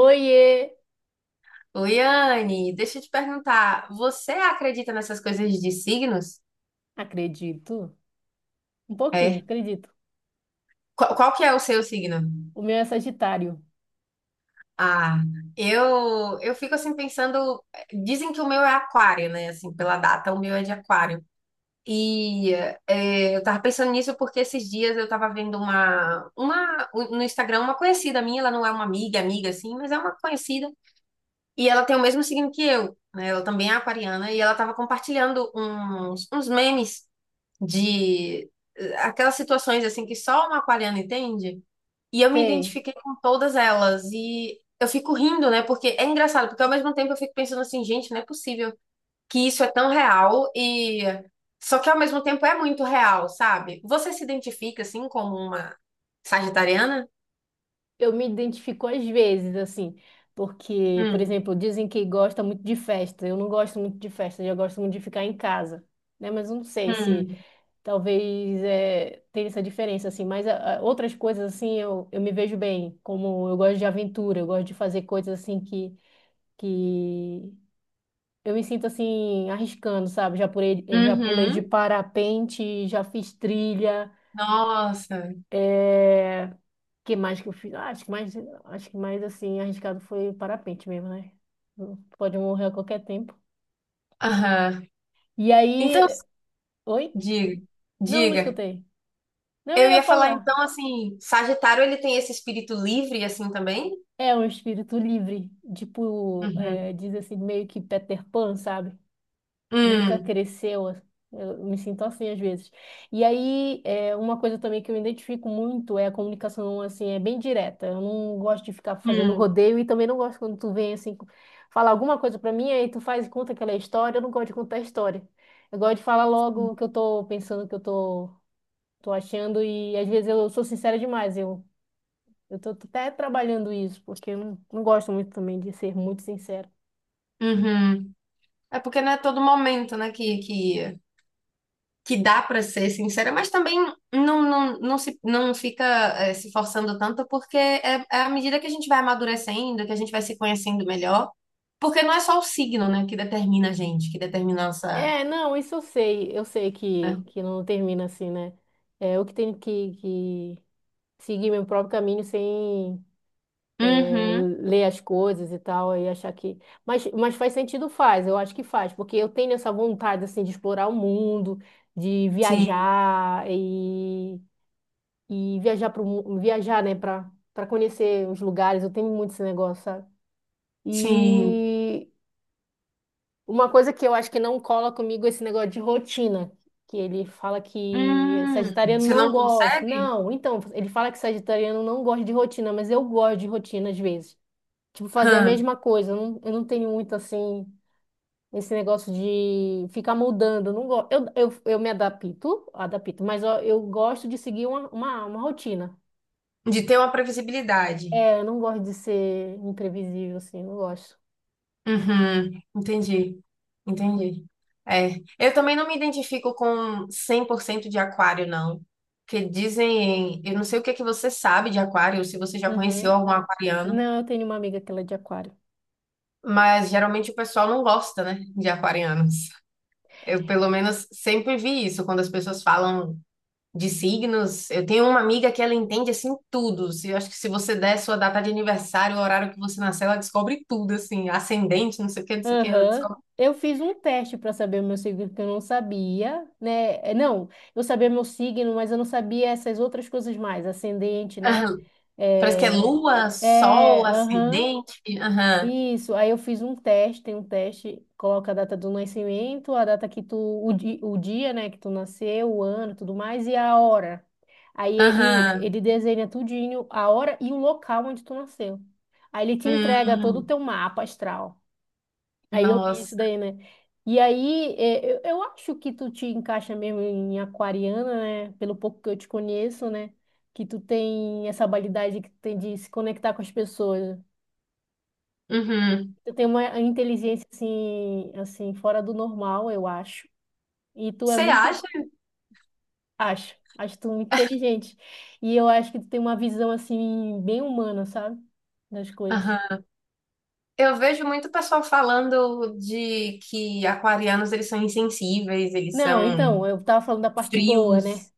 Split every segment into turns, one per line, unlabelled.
Oiê!
Oi, Anne, deixa eu te perguntar, você acredita nessas coisas de signos?
Acredito. Um pouquinho,
É.
acredito.
Qual que é o seu signo?
O meu é Sagitário.
Ah, eu fico assim pensando, dizem que o meu é aquário, né? Assim, pela data, o meu é de aquário. E é, eu tava pensando nisso porque esses dias eu tava vendo uma no Instagram, uma conhecida minha, ela não é uma amiga, amiga assim, mas é uma conhecida. E ela tem o mesmo signo que eu, né? Ela também é aquariana e ela tava compartilhando uns memes. De aquelas situações assim que só uma aquariana entende. E eu me
Sei.
identifiquei com todas elas e eu fico rindo, né? Porque é engraçado, porque ao mesmo tempo eu fico pensando assim, gente, não é possível que isso é tão real e só que ao mesmo tempo é muito real, sabe? Você se identifica assim como uma sagitariana?
Eu me identifico às vezes, assim, porque, por
Hum.
exemplo, dizem que gosta muito de festa. Eu não gosto muito de festa, eu gosto muito de ficar em casa, né? Mas eu não sei se
Hum.
talvez tenha essa diferença, assim. Mas outras coisas, assim, eu me vejo bem. Como eu gosto de aventura, eu gosto de fazer coisas, assim, que Eu me sinto assim, arriscando, sabe? Eu já pulei de
Uhum.
parapente, já fiz trilha.
Nossa.
É... Que mais que eu fiz? Ah, acho que mais assim, arriscado foi parapente mesmo, né? Pode morrer a qualquer tempo.
Aham.
E aí.
Então,
Oi?
diga,
Não, não
diga.
escutei. Não, eu
Eu
ia
ia falar
falar.
então assim, Sagitário ele tem esse espírito livre assim também?
É um espírito livre, tipo,
Uhum.
é, diz assim, meio que Peter Pan, sabe? Nunca
Hum,
cresceu. Eu me sinto assim às vezes. E aí, é, uma coisa também que eu identifico muito é a comunicação, assim, é bem direta. Eu não gosto de ficar fazendo
hum,
rodeio e também não gosto quando tu vem, assim, falar alguma coisa pra mim, aí tu faz e conta aquela história. Eu não gosto de contar história. Eu gosto de falar logo o que eu tô pensando, o que eu tô achando, e às vezes eu sou sincera demais. Eu tô até trabalhando isso, porque eu não gosto muito também de ser muito sincera.
uhum. É porque não é todo momento, né, que dá pra ser sincera, mas também não se não fica se forçando tanto porque é, é à medida que a gente vai amadurecendo, que a gente vai se conhecendo melhor, porque não é só o signo, né, que determina a gente, que determina a nossa,
É, não, isso eu sei
né?
que não termina assim, né? É, eu que tenho que seguir meu próprio caminho sem é,
Uhum.
ler as coisas e tal, e achar que. Mas faz sentido, faz, eu acho que faz, porque eu tenho essa vontade, assim, de explorar o mundo, de
Sim,
viajar e viajar para viajar, né, para conhecer os lugares, eu tenho muito esse negócio, sabe?
sim.
E uma coisa que eu acho que não cola comigo é esse negócio de rotina, que ele fala que
Hum.
sagitariano
Você
não
não
gosta.
consegue?
Não, então, ele fala que sagitariano não gosta de rotina, mas eu gosto de rotina às vezes. Tipo, fazer a
Hã.
mesma coisa. Eu não tenho muito assim, esse negócio de ficar mudando. Eu não gosto. Eu me adapto, mas ó, eu gosto de seguir uma rotina.
De ter uma previsibilidade.
É, eu não gosto de ser imprevisível, assim, eu não gosto.
Uhum, entendi, entendi. É, eu também não me identifico com 100% de aquário, não. Que dizem, eu não sei o que é que você sabe de aquário, se você já conheceu
Uhum.
algum aquariano,
Não, eu tenho uma amiga que ela é de aquário.
mas geralmente o pessoal não gosta, né, de aquarianos. Eu, pelo menos, sempre vi isso quando as pessoas falam de signos. Eu tenho uma amiga que ela entende assim tudo. Se- eu acho que se você der sua data de aniversário, o horário que você nasceu, ela descobre tudo, assim, ascendente, não sei o que, não sei o que, ela
Aham.
descobre.
Eu fiz um teste para saber o meu signo, que eu não sabia, né? É, não, eu sabia meu signo, mas eu não sabia essas outras coisas mais, ascendente, né?
Aham. Parece que é
É,
lua, sol,
aham.
ascendente. Aham.
Isso, aí eu fiz um teste, tem um teste, coloca a data do nascimento, a data que tu, o dia, né, que tu nasceu, o ano, tudo mais, e a hora. Aí
Aham.
ele desenha tudinho, a hora e o local onde tu nasceu. Aí ele te entrega todo o
Hum,
teu mapa astral. Aí eu vi isso
nossa.
daí, né? E aí, é, eu acho que tu te encaixa mesmo em aquariana, né? Pelo pouco que eu te conheço, né? Que tu tem essa habilidade que tu tem de se conectar com as pessoas.
Uhum.
Tu tem uma inteligência assim, fora do normal, eu acho. E tu é
Você
muito,
acha?
acho, acho tu muito inteligente. E eu acho que tu tem uma visão assim bem humana, sabe? Das coisas.
Aham. Eu vejo muito pessoal falando de que aquarianos eles são insensíveis, eles
Não,
são
então, eu tava falando da parte boa, né?
frios.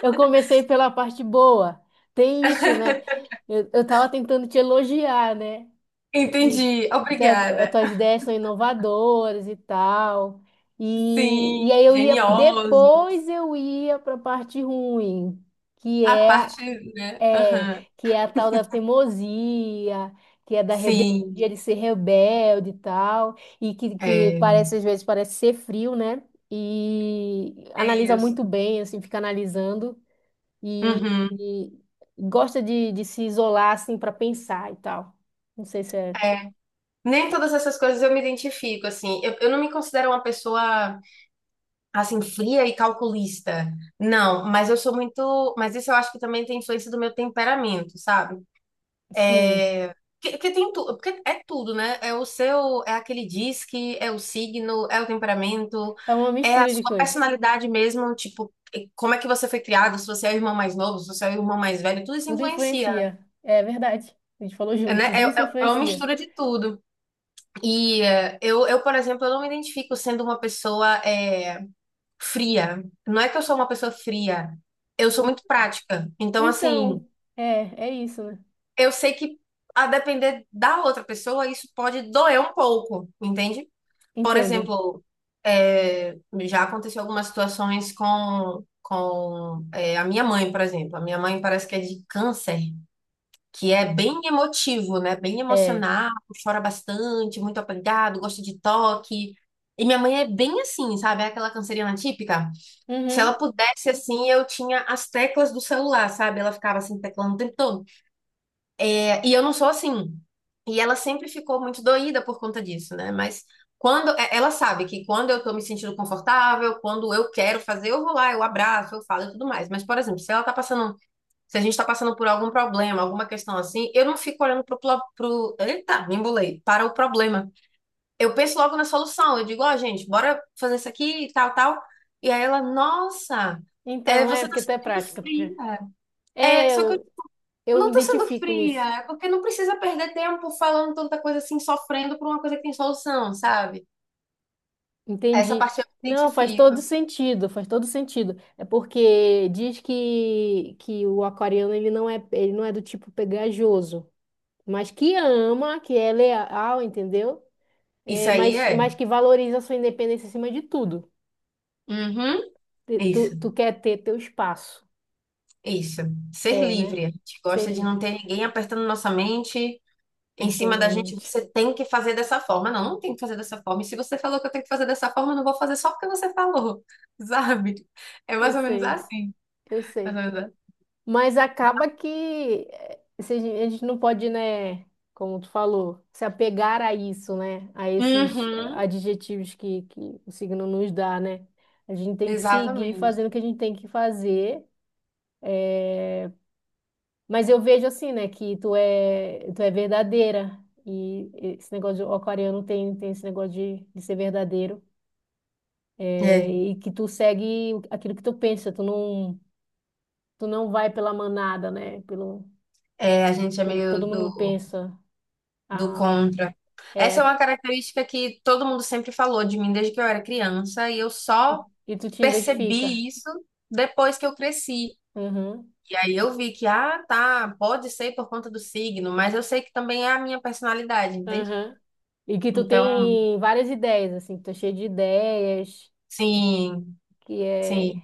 Eu comecei pela parte boa. Tem isso, né? Eu tava tentando te elogiar, né? E,
Entendi.
e tá-
Obrigada.
tuas ideias são inovadoras e tal.
Sim,
E aí
geniosos.
depois eu ia para a parte ruim, que
A parte, né?
é,
Aham.
que é a tal da teimosia, que é da
Sim,
rebeldia, de ser rebelde e tal, e que
é,
parece, às vezes, parece ser frio, né? E
é
analisa muito
isso.
bem, assim, fica analisando
Uhum,
e gosta de se isolar assim para pensar e tal. Não sei se é.
é. Nem todas essas coisas eu me identifico, assim. Eu não me considero uma pessoa, assim, fria e calculista. Não, mas eu sou muito. Mas isso eu acho que também tem influência do meu temperamento, sabe?
Sim,
É. Que tem tu, porque é tudo, né? É o seu, é aquele disque, é o signo, é o temperamento,
é uma
é a
mistura de
sua
coisas.
personalidade mesmo, tipo, e como é que você foi criado, se você é o irmão mais novo, se você é o irmão mais velho, tudo isso
Tudo
influencia,
influencia. É verdade. A gente falou junto,
né? É,
tudo isso
é- é uma
influencia.
mistura de tudo. E por exemplo, eu não me identifico sendo uma pessoa fria. Não é que eu sou uma pessoa fria, eu sou muito prática. Então, assim,
Então, é, é isso, né?
eu sei que a depender da outra pessoa, isso pode doer um pouco, entende? Por
Entendo.
exemplo, é, já aconteceu algumas situações com é, a minha mãe, por exemplo. A minha mãe parece que é de câncer, que é bem emotivo, né? Bem
É.
emocional, chora bastante, muito apegado, gosta de toque. E minha mãe é bem assim, sabe? É aquela canceriana típica. Se ela
Uhum.
pudesse, assim, eu tinha as teclas do celular, sabe? Ela ficava assim, teclando o tempo todo. É, e eu não sou assim. E ela sempre ficou muito doída por conta disso, né? Mas quando é, ela sabe que quando eu tô me sentindo confortável, quando eu quero fazer, eu vou lá, eu abraço, eu falo e tudo mais. Mas, por exemplo, se ela tá passando, se a gente tá passando por algum problema, alguma questão assim, eu não fico olhando eita, me embolei, para o problema. Eu penso logo na solução. Eu digo, ó, gente, bora fazer isso aqui e tal, tal. E aí ela, nossa, é,
Então, é,
você tá
porque até é
sentindo
prática.
fria. É,
É,
só que
eu
não
me
tô sendo
identifico nisso.
fria, é porque não precisa perder tempo falando tanta coisa assim, sofrendo por uma coisa que tem solução, sabe? Essa
Entendi.
parte eu me
Não, faz
identifico.
todo sentido, faz todo sentido. É porque diz que o aquariano ele não é do tipo pegajoso, mas que ama, que é leal, entendeu?
Isso
É,
aí é.
mas que valoriza a sua independência acima de tudo.
Uhum.
Tu
Isso,
tu quer ter teu espaço.
isso. Ser
É, né?
livre. A gente
Sei
gosta de
lhe,
não ter ninguém apertando nossa mente em cima da gente.
perdonamente.
Você tem que fazer dessa forma. Não, não tem que fazer dessa forma. E se você falou que eu tenho que fazer dessa forma, eu não vou fazer só porque você falou, sabe? É
Eu
mais ou menos
sei,
assim.
eu
Mais
sei.
ou menos assim.
Mas acaba que eh, se a gente não pode, né? Como tu falou, se apegar a isso, né? A esses
Uhum.
adjetivos que o signo nos dá, né? A gente tem que seguir
Exatamente.
fazendo o que a gente tem que fazer. Mas eu vejo assim, né, que tu é verdadeira. E esse negócio de o aquariano tem esse negócio de ser verdadeiro. É,
É,
e que tu segue aquilo que tu pensa. Tu não vai pela manada, né?
é, a gente é
Pelo que todo
meio do
mundo pensa.
do
Ah,
contra. Essa é
é,
uma característica que todo mundo sempre falou de mim desde que eu era criança, e eu
e,
só
e tu te identifica.
percebi isso depois que eu cresci.
Uhum,
E aí eu vi que, ah, tá, pode ser por conta do signo, mas eu sei que também é a minha personalidade, entende?
uhum. E que tu
Então,
tem várias ideias, assim. Que tu é cheio de ideias.
sim,
Que
sim,
é...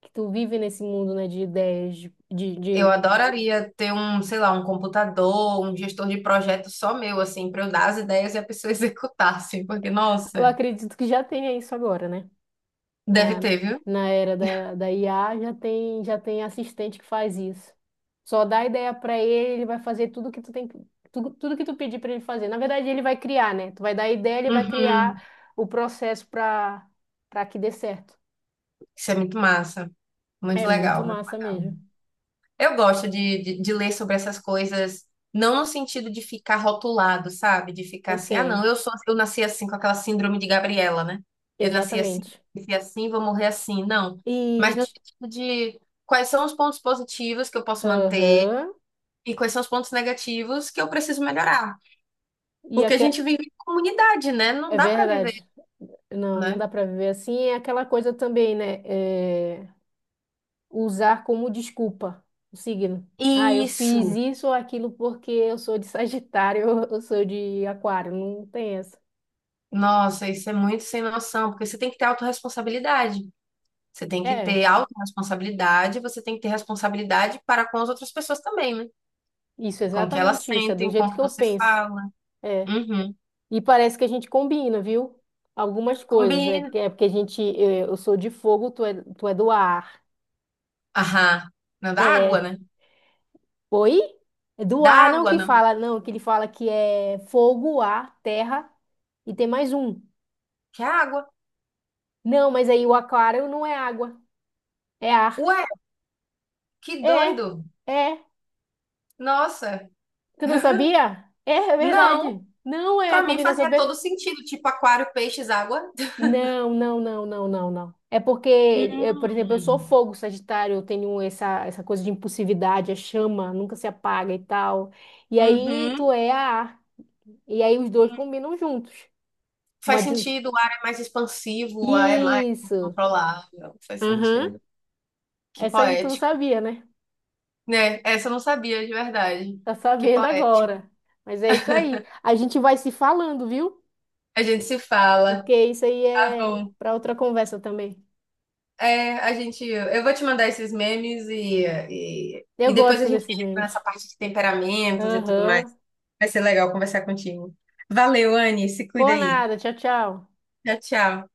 Que tu vive nesse mundo, né, de ideias,
eu
de
adoraria ter um, sei lá, um computador, um gestor de projeto só meu, assim, para eu dar as ideias e a pessoa executar, assim, porque,
Eu
nossa,
acredito que já tenha isso agora, né?
deve
Na,
ter, viu?
na era da IA já tem assistente que faz isso. Só dá ideia para ele, ele vai fazer tudo que tu tem, tudo, tudo que tu pedir para ele fazer. Na verdade, ele vai criar, né? Tu vai dar a ideia, ele vai
Uhum.
criar o processo para que dê certo.
Isso é muito massa,
É
muito
muito
legal, né?
massa mesmo.
Eu gosto de ler sobre essas coisas, não no sentido de ficar rotulado, sabe? De ficar
Eu
assim, ah, não,
sei,
eu sou, assim, eu nasci assim com aquela síndrome de Gabriela, né? Eu
exatamente.
nasci assim, vou morrer assim. Não. Mas
E
no
ti-
sentido de quais são os pontos positivos que eu posso manter
aham.
e quais são os pontos negativos que eu preciso melhorar.
E
Porque a
aque-
gente vive em comunidade, né? Não
é
dá pra viver,
verdade. Não, não
né?
dá para viver assim. É aquela coisa também, né? É, usar como desculpa o signo. Ah, eu fiz
Isso.
isso ou aquilo porque eu sou de Sagitário, eu sou de Aquário. Não tem essa.
Nossa, isso é muito sem noção, porque você tem que ter autorresponsabilidade. Você tem que
É,
ter autorresponsabilidade, você tem que ter responsabilidade para com as outras pessoas também, né?
isso,
Com o que elas
exatamente isso. É do
sentem, com o
jeito que
que
eu
você
penso.
fala.
É.
Uhum.
E parece que a gente combina, viu? Algumas coisas. É,
Combina.
que- é porque a gente, é, eu sou de fogo, tu é do ar.
Aham. Não dá água,
É.
né?
Oi? É do
Dá
ar, não
água,
que
não.
fala, não, que ele fala que é fogo, ar, terra e tem mais um.
Que água?
Não, mas aí o aquário não é água, é ar.
Ué, que
É,
doido.
é.
Nossa.
Tu não sabia? É, é
Não.
verdade. Não é
Para
a
mim
combinação
fazia todo
perfeita.
sentido, tipo aquário, peixes, água.
Não, não, não, não, não, não. É porque, eu, por exemplo, eu sou
Hum.
fogo, Sagitário, eu tenho essa coisa de impulsividade, a chama nunca se apaga e tal. E aí tu
Uhum.
é a ar. E aí os dois
Hum.
combinam juntos. Uma
Faz
din-
sentido, o ar é mais expansivo, o ar é mais
Isso.
controlável. Faz
Aham.
sentido. Que
Essa aí tu não
poético.
sabia, né?
Né? Essa eu não sabia de verdade.
Tá
Que
sabendo
poético.
agora. Mas é isso aí. A gente vai se falando, viu?
A gente se fala.
Porque isso aí
Tá
é
bom.
para outra conversa também.
É, a gente. Eu vou te mandar esses memes
Eu
e depois a
gosto
gente
desses
entra nessa
memes.
parte de temperamentos e tudo mais.
Aham.
Vai ser legal conversar contigo. Valeu, Anne. Se cuida
Por
aí.
nada. Tchau, tchau.
Tchau, tchau.